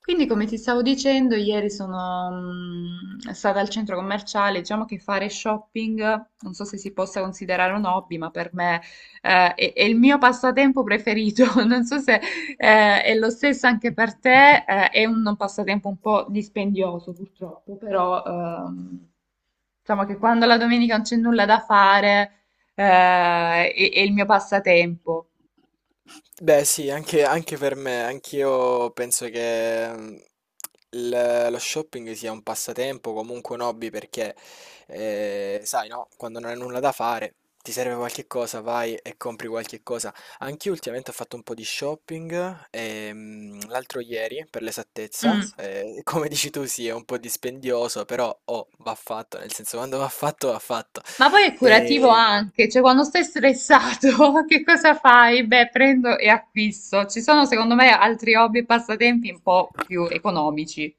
Quindi come ti stavo dicendo, ieri sono stata al centro commerciale, diciamo che fare shopping, non so se si possa considerare un hobby, ma per me è il mio passatempo preferito. Non so se è lo stesso anche per te, è un passatempo un po' dispendioso purtroppo, però diciamo che quando la domenica non c'è nulla da fare, è il mio passatempo. Beh, sì, anche per me, anch'io penso che lo shopping sia un passatempo, comunque un hobby, perché sai, no, quando non hai nulla da fare, ti serve qualche cosa, vai e compri qualche cosa. Anch'io ultimamente ho fatto un po' di shopping, l'altro ieri, per l'esattezza, Mm. Come dici tu, sì, è un po' dispendioso, però oh, va fatto, nel senso, quando va fatto, va fatto. Ma poi è curativo E... anche, cioè quando stai stressato, che cosa fai? Beh, prendo e acquisto. Ci sono secondo me altri hobby e passatempi un po' più economici.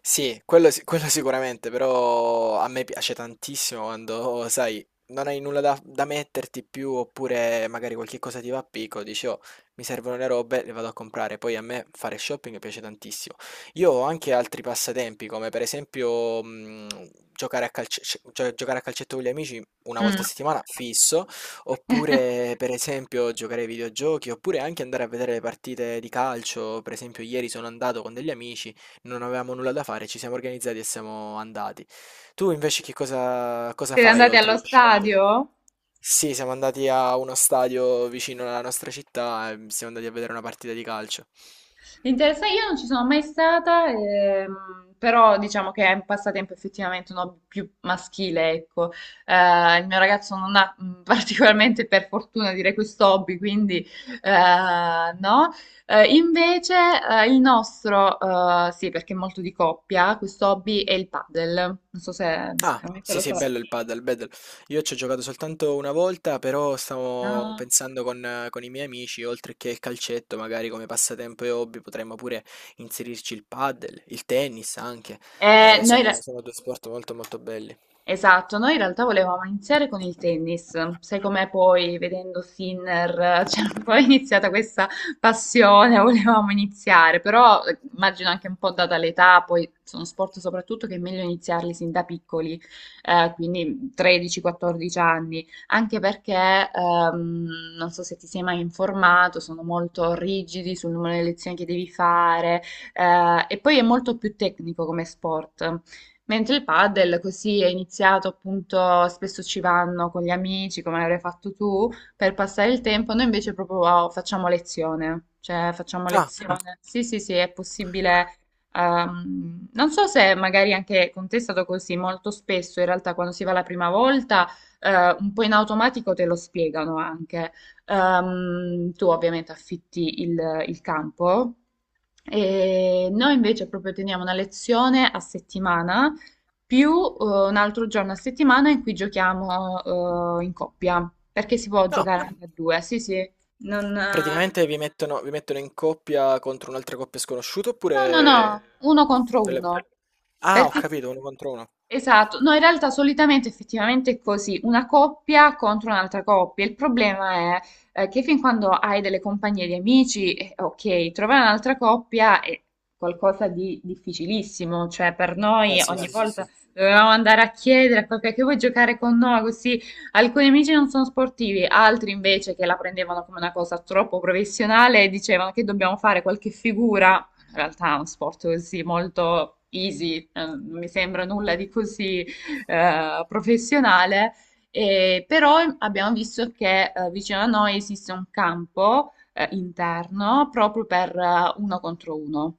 Sì, quello si quello sicuramente, però a me piace tantissimo quando, sai, non hai nulla da metterti più, oppure magari qualche cosa ti va a picco, dici: "Oh, mi servono le robe, le vado a comprare". Poi a me fare shopping piace tantissimo. Io ho anche altri passatempi, come per esempio, giocare a calce cioè giocare a calcetto con gli amici una volta Mm. a settimana, fisso, oppure per esempio giocare ai videogiochi, oppure anche andare a vedere le partite di calcio. Per esempio, ieri sono andato con degli amici, non avevamo nulla da fare, ci siamo organizzati e siamo andati. Tu invece che cosa Siete fai andati oltre allo allo shopping? stadio? Sì, siamo andati a uno stadio vicino alla nostra città e siamo andati a vedere una partita di calcio. Interessante, io non ci sono mai stata, però diciamo che è un passatempo effettivamente un hobby più maschile, ecco. Il mio ragazzo non ha particolarmente, per fortuna, direi questo hobby, quindi no. Invece il nostro, sì, perché è molto di coppia, questo hobby è il paddle. Non so se Ah, sicuramente sì, lo sì, è bello il sapete. padel, bello. Io ci ho giocato soltanto una volta, però stavo No? pensando con i miei amici, oltre che il calcetto, magari come passatempo e hobby, potremmo pure inserirci il padel, il tennis anche. Eh, Noi, sono, sono due sport molto molto belli. esatto, noi in realtà volevamo iniziare con il tennis, sai com'è poi vedendo Sinner, c'è un po' iniziata questa passione, volevamo iniziare, però immagino anche un po' data l'età, poi sono sport soprattutto che è meglio iniziarli sin da piccoli, quindi 13-14 anni, anche perché ehm, non so se ti sei mai informato, sono molto rigidi sul numero di lezioni che devi fare e poi è molto più tecnico come sport. Mentre il padel così è iniziato appunto, spesso ci vanno con gli amici, come avrai fatto tu, per passare il tempo, noi invece proprio oh, facciamo lezione, cioè facciamo ah, Ah, lezione. Sì, sì, sì, è possibile. Non so se magari anche con te è stato così, molto spesso in realtà quando si va la prima volta, un po' in automatico te lo spiegano anche. Tu ovviamente affitti il campo. E noi invece proprio teniamo una lezione a settimana più eh, un altro giorno a settimana in cui giochiamo in coppia, perché si può no, giocare anche a due, sì, sì, non, praticamente vi mettono in coppia contro un'altra coppia sconosciuta no, no, eh, no, oppure... uno contro delle- uno. Ah, Ah, ho perché capito, uno contro uno. esatto, no, in realtà solitamente effettivamente è così, una coppia contro un'altra coppia. Il problema è che fin quando hai delle compagnie di amici, ok, trovare un'altra coppia è qualcosa di difficilissimo, cioè per noi Beh, sì, ogni eh, sì, sì, sì, volta sì. sì, sì, dovevamo andare a chiedere a qualcuno che vuoi giocare con noi, così alcuni amici non sono sportivi, altri invece che la prendevano come una cosa troppo professionale dicevano che dobbiamo fare qualche figura, in realtà è uno sport così molto easy, non mi sembra nulla di così professionale, e però abbiamo visto che vicino a noi esiste un campo interno proprio per uno contro uno.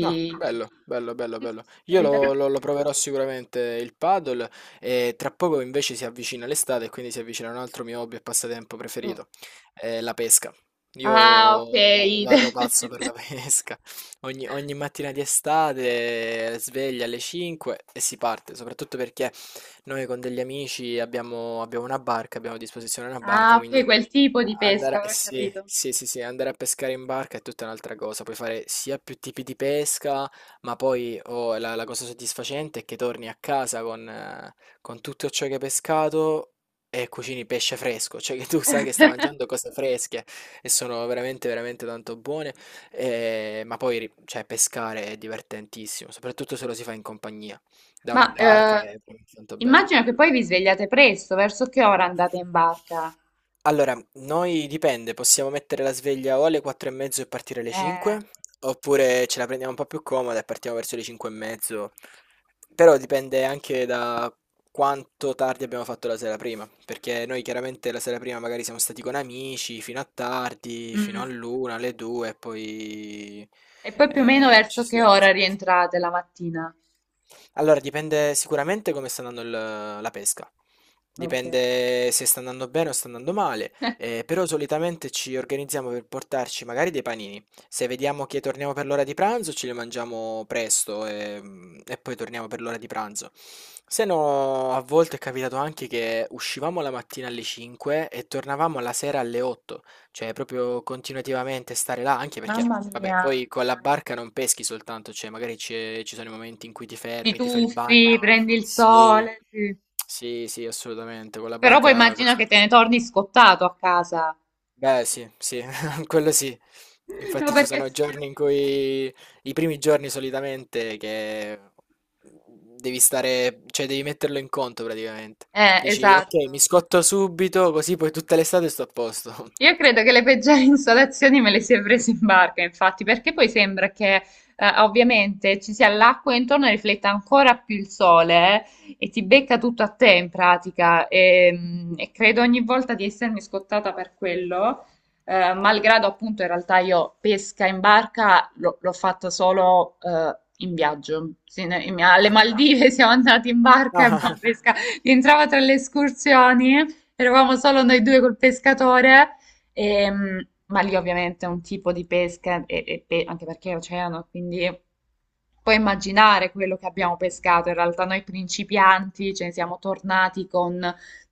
Ah, bello, bello, bello, Sì, sì, bello. sì, Io lo, solitamente. lo- lo proverò sicuramente il paddle e tra poco invece si avvicina l'estate e quindi si avvicina un altro mio hobby e passatempo preferito, la pesca. Io Ah, ok. va- vado pazzo per la pesca. Ogni mattina di estate sveglia alle 5 e si parte, soprattutto perché noi con degli amici abbiamo una barca, abbiamo a disposizione una Ah, barca, ok, quindi... quel tipo di Andare, pesca, eh ora ho sì, capito. sì, sì, sì, andare a pescare in barca è tutta un'altra cosa, puoi fare sia più tipi di pesca, ma poi oh, la cosa soddisfacente è che torni a casa con tutto ciò che hai pescato e cucini pesce fresco, cioè che tu sai che stai mangiando cose fresche e sono veramente, veramente tanto buone, cioè, pescare è divertentissimo, soprattutto se lo si fa in compagnia, da una Ma barca è tanto bello. immagino che poi vi svegliate presto, verso che ora andate in barca? Allora, noi dipende, possiamo mettere la sveglia o alle 4 e mezzo e partire alle Eh. 5, oppure ce la prendiamo un po' più comoda e partiamo verso le 5 e mezzo. Però dipende anche da quanto tardi abbiamo fatto la sera prima, perché noi chiaramente la sera prima magari siamo stati con amici fino a tardi, fino Mm. all'una, alle due, e poi E poi più o meno ci verso si che alza. ora rientrate la mattina? Allora, dipende sicuramente come sta andando la pesca. Ok. Dipende se sta andando bene o sta andando male, però solitamente ci organizziamo per portarci magari dei panini. Se vediamo che torniamo per l'ora di pranzo, ce li mangiamo presto e, e poi torniamo per l'ora di pranzo. Se no, a volte è capitato anche che uscivamo la mattina alle 5 e tornavamo la sera alle 8. Cioè proprio continuativamente stare là, anche perché, Mamma vabbè, mia, poi con la barca non peschi soltanto, cioè magari ci sono i momenti in cui ti ti fermi, ti fai il tuffi, bagno. prendi il Sì, sole, sì. sì, sì, assolutamente. Con la Però poi barca... immagino quest- che te ne torni scottato a casa. Beh, sì, sì, quello sì. No, Infatti ci perché è sono successo. giorni in cui, i primi giorni solitamente, che devi stare, cioè devi metterlo in conto praticamente. Dici, ok, mi Esatto. scotto subito, così poi tutta l'estate sto a posto. Io credo che le peggiori insolazioni me le si è prese in barca, infatti, perché poi sembra che ovviamente ci sia l'acqua intorno e rifletta ancora più il sole e ti becca tutto a te in pratica. E, e credo ogni volta di essermi scottata per quello, malgrado appunto in realtà io pesca in barca l'ho fatta solo in viaggio. Sì, ne- in- alle Ah. Maldive siamo andati in barca, abbiamo Ah, pescato, rientrava tra le escursioni, eravamo solo noi due col pescatore. Ma lì ovviamente è un tipo di pesca, e pe- anche perché è oceano, quindi puoi immaginare quello che abbiamo pescato, in realtà noi principianti ce ne siamo tornati con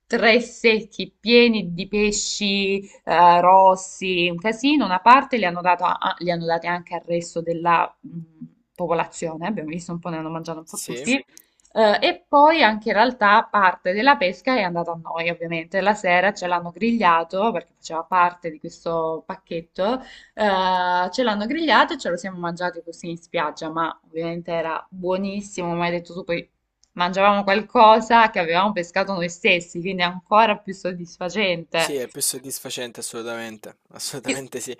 tre secchi pieni di pesci rossi, un casino, una parte li hanno dato a- li hanno dati anche al resto della popolazione, abbiamo visto un po', ne hanno mangiato un po' tutti, sì, sì, e poi anche in realtà parte della pesca è andata a noi, ovviamente, la sera ce l'hanno grigliato perché faceva parte di questo pacchetto. Ce l'hanno grigliato e ce lo siamo mangiato così in spiaggia, ma ovviamente era buonissimo, come hai detto tu, poi mangiavamo qualcosa che avevamo pescato noi stessi, quindi è ancora più sì, soddisfacente. è più soddisfacente assolutamente, Che, assolutamente sì.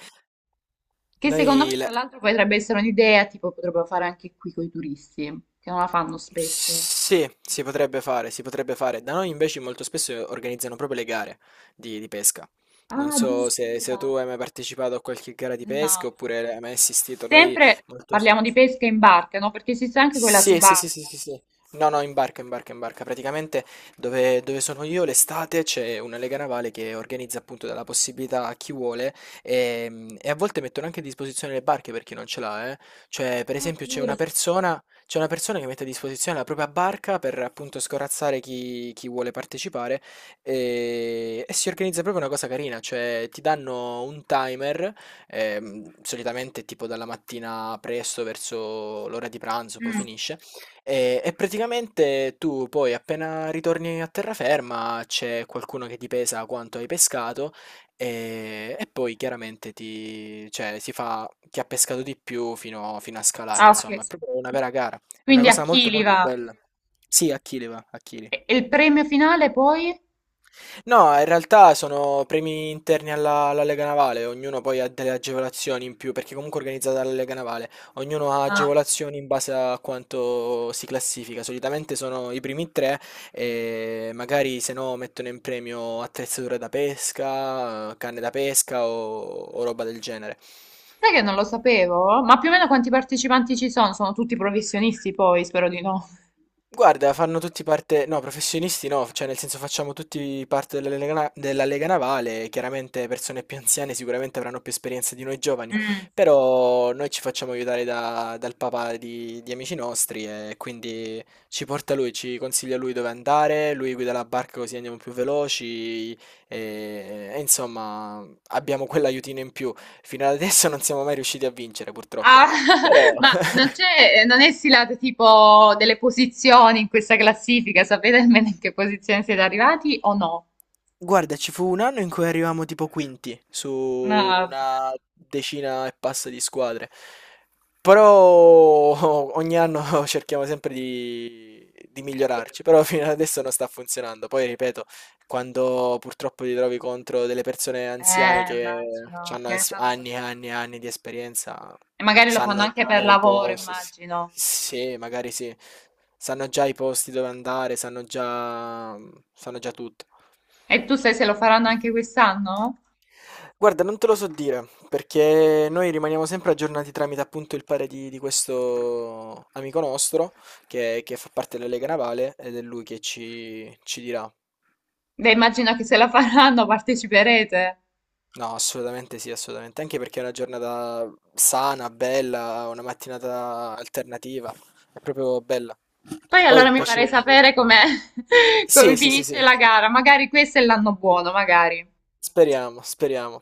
che secondo me, Noi tra la- l'altro, potrebbe essere un'idea, tipo potrebbero fare anche qui con i turisti, che non la fanno spesso. Sì, si potrebbe fare, si potrebbe fare. Da noi invece molto spesso organizzano proprio le gare di pesca. Non Ah, so se, se tu addirittura. hai mai partecipato a qualche gara di No, pesca oppure hai mai assistito. Sempre molto... parliamo di pesca in barca, no? Perché esiste anche quella Sì, sì, sì, sì, subacquea. sì, sì. No, no, in barca, in barca, in barca. Praticamente dove sono io l'estate c'è una lega navale che organizza appunto la possibilità a chi vuole e, a volte mettono anche a disposizione le barche per chi non ce l'ha, eh. Cioè, per Ah, esempio, figurati. C'è una persona che mette a disposizione la propria barca per appunto scorazzare chi vuole partecipare e si organizza proprio una cosa carina, cioè ti danno un timer, solitamente tipo dalla mattina presto verso l'ora di pranzo, poi Mm. finisce. E praticamente tu poi appena ritorni a terraferma c'è qualcuno che ti pesa quanto hai pescato e poi chiaramente ti, cioè, si fa chi ha pescato di più fino a scalare, Ah, ok. insomma, è proprio una vera gara, è una Quindi a cosa molto chili molto va? bella. Sì, a chili va, a chili. E il premio finale poi? No, in realtà sono premi interni alla, alla Lega Navale, ognuno poi ha delle agevolazioni in più, perché comunque è organizzata dalla Lega Navale, ognuno ha Ah, agevolazioni in base a quanto si classifica, solitamente sono i primi tre e magari se no mettono in premio attrezzature da pesca, canne da pesca o roba del genere. sai che non lo sapevo? Ma più o meno quanti partecipanti ci sono? Sono tutti professionisti poi, spero di no. Guarda, fanno tutti parte, no, professionisti no, cioè nel senso facciamo tutti parte della Lega, della Lega Navale, chiaramente persone più anziane sicuramente avranno più esperienza di noi giovani, Mm. però noi ci facciamo aiutare dal papà di amici nostri e quindi ci porta lui, ci consiglia lui dove andare, lui guida la barca così andiamo più veloci e insomma abbiamo quell'aiutino in più. Fino ad adesso non siamo mai riusciti a vincere purtroppo, Ah, però... ma non c'è, non è stilate tipo delle posizioni in questa classifica, sapete almeno in che posizione siete arrivati o no? Guarda, ci fu un anno in cui arrivammo tipo quinti su No, vabbè. una decina e passa di squadre, però ogni anno cerchiamo sempre di migliorarci, però fino ad adesso non sta funzionando. Poi ripeto, quando purtroppo ti trovi contro delle persone anziane che Immagino che hanno ne sanno anni e qualche... anni e anni di esperienza, E magari lo fanno sanno anche per già i lavoro, posti, immagino. sì, magari sì, sanno già i posti dove andare, sanno già tutto. E tu sai se lo faranno anche quest'anno? Guarda, non te lo so dire, perché noi rimaniamo sempre aggiornati tramite appunto il pare di questo amico nostro, che fa parte della Lega Navale, ed è lui che ci dirà. Beh, immagino che se la faranno parteciperete. No, assolutamente sì, assolutamente, anche perché è una giornata sana, bella, una mattinata alternativa, è proprio bella. Poi Poi allora il mi farei pesce... sapere com'è, come Sì, sì, sì, finisce sì, la gara. Magari questo è l'anno buono, magari. speriamo, speriamo.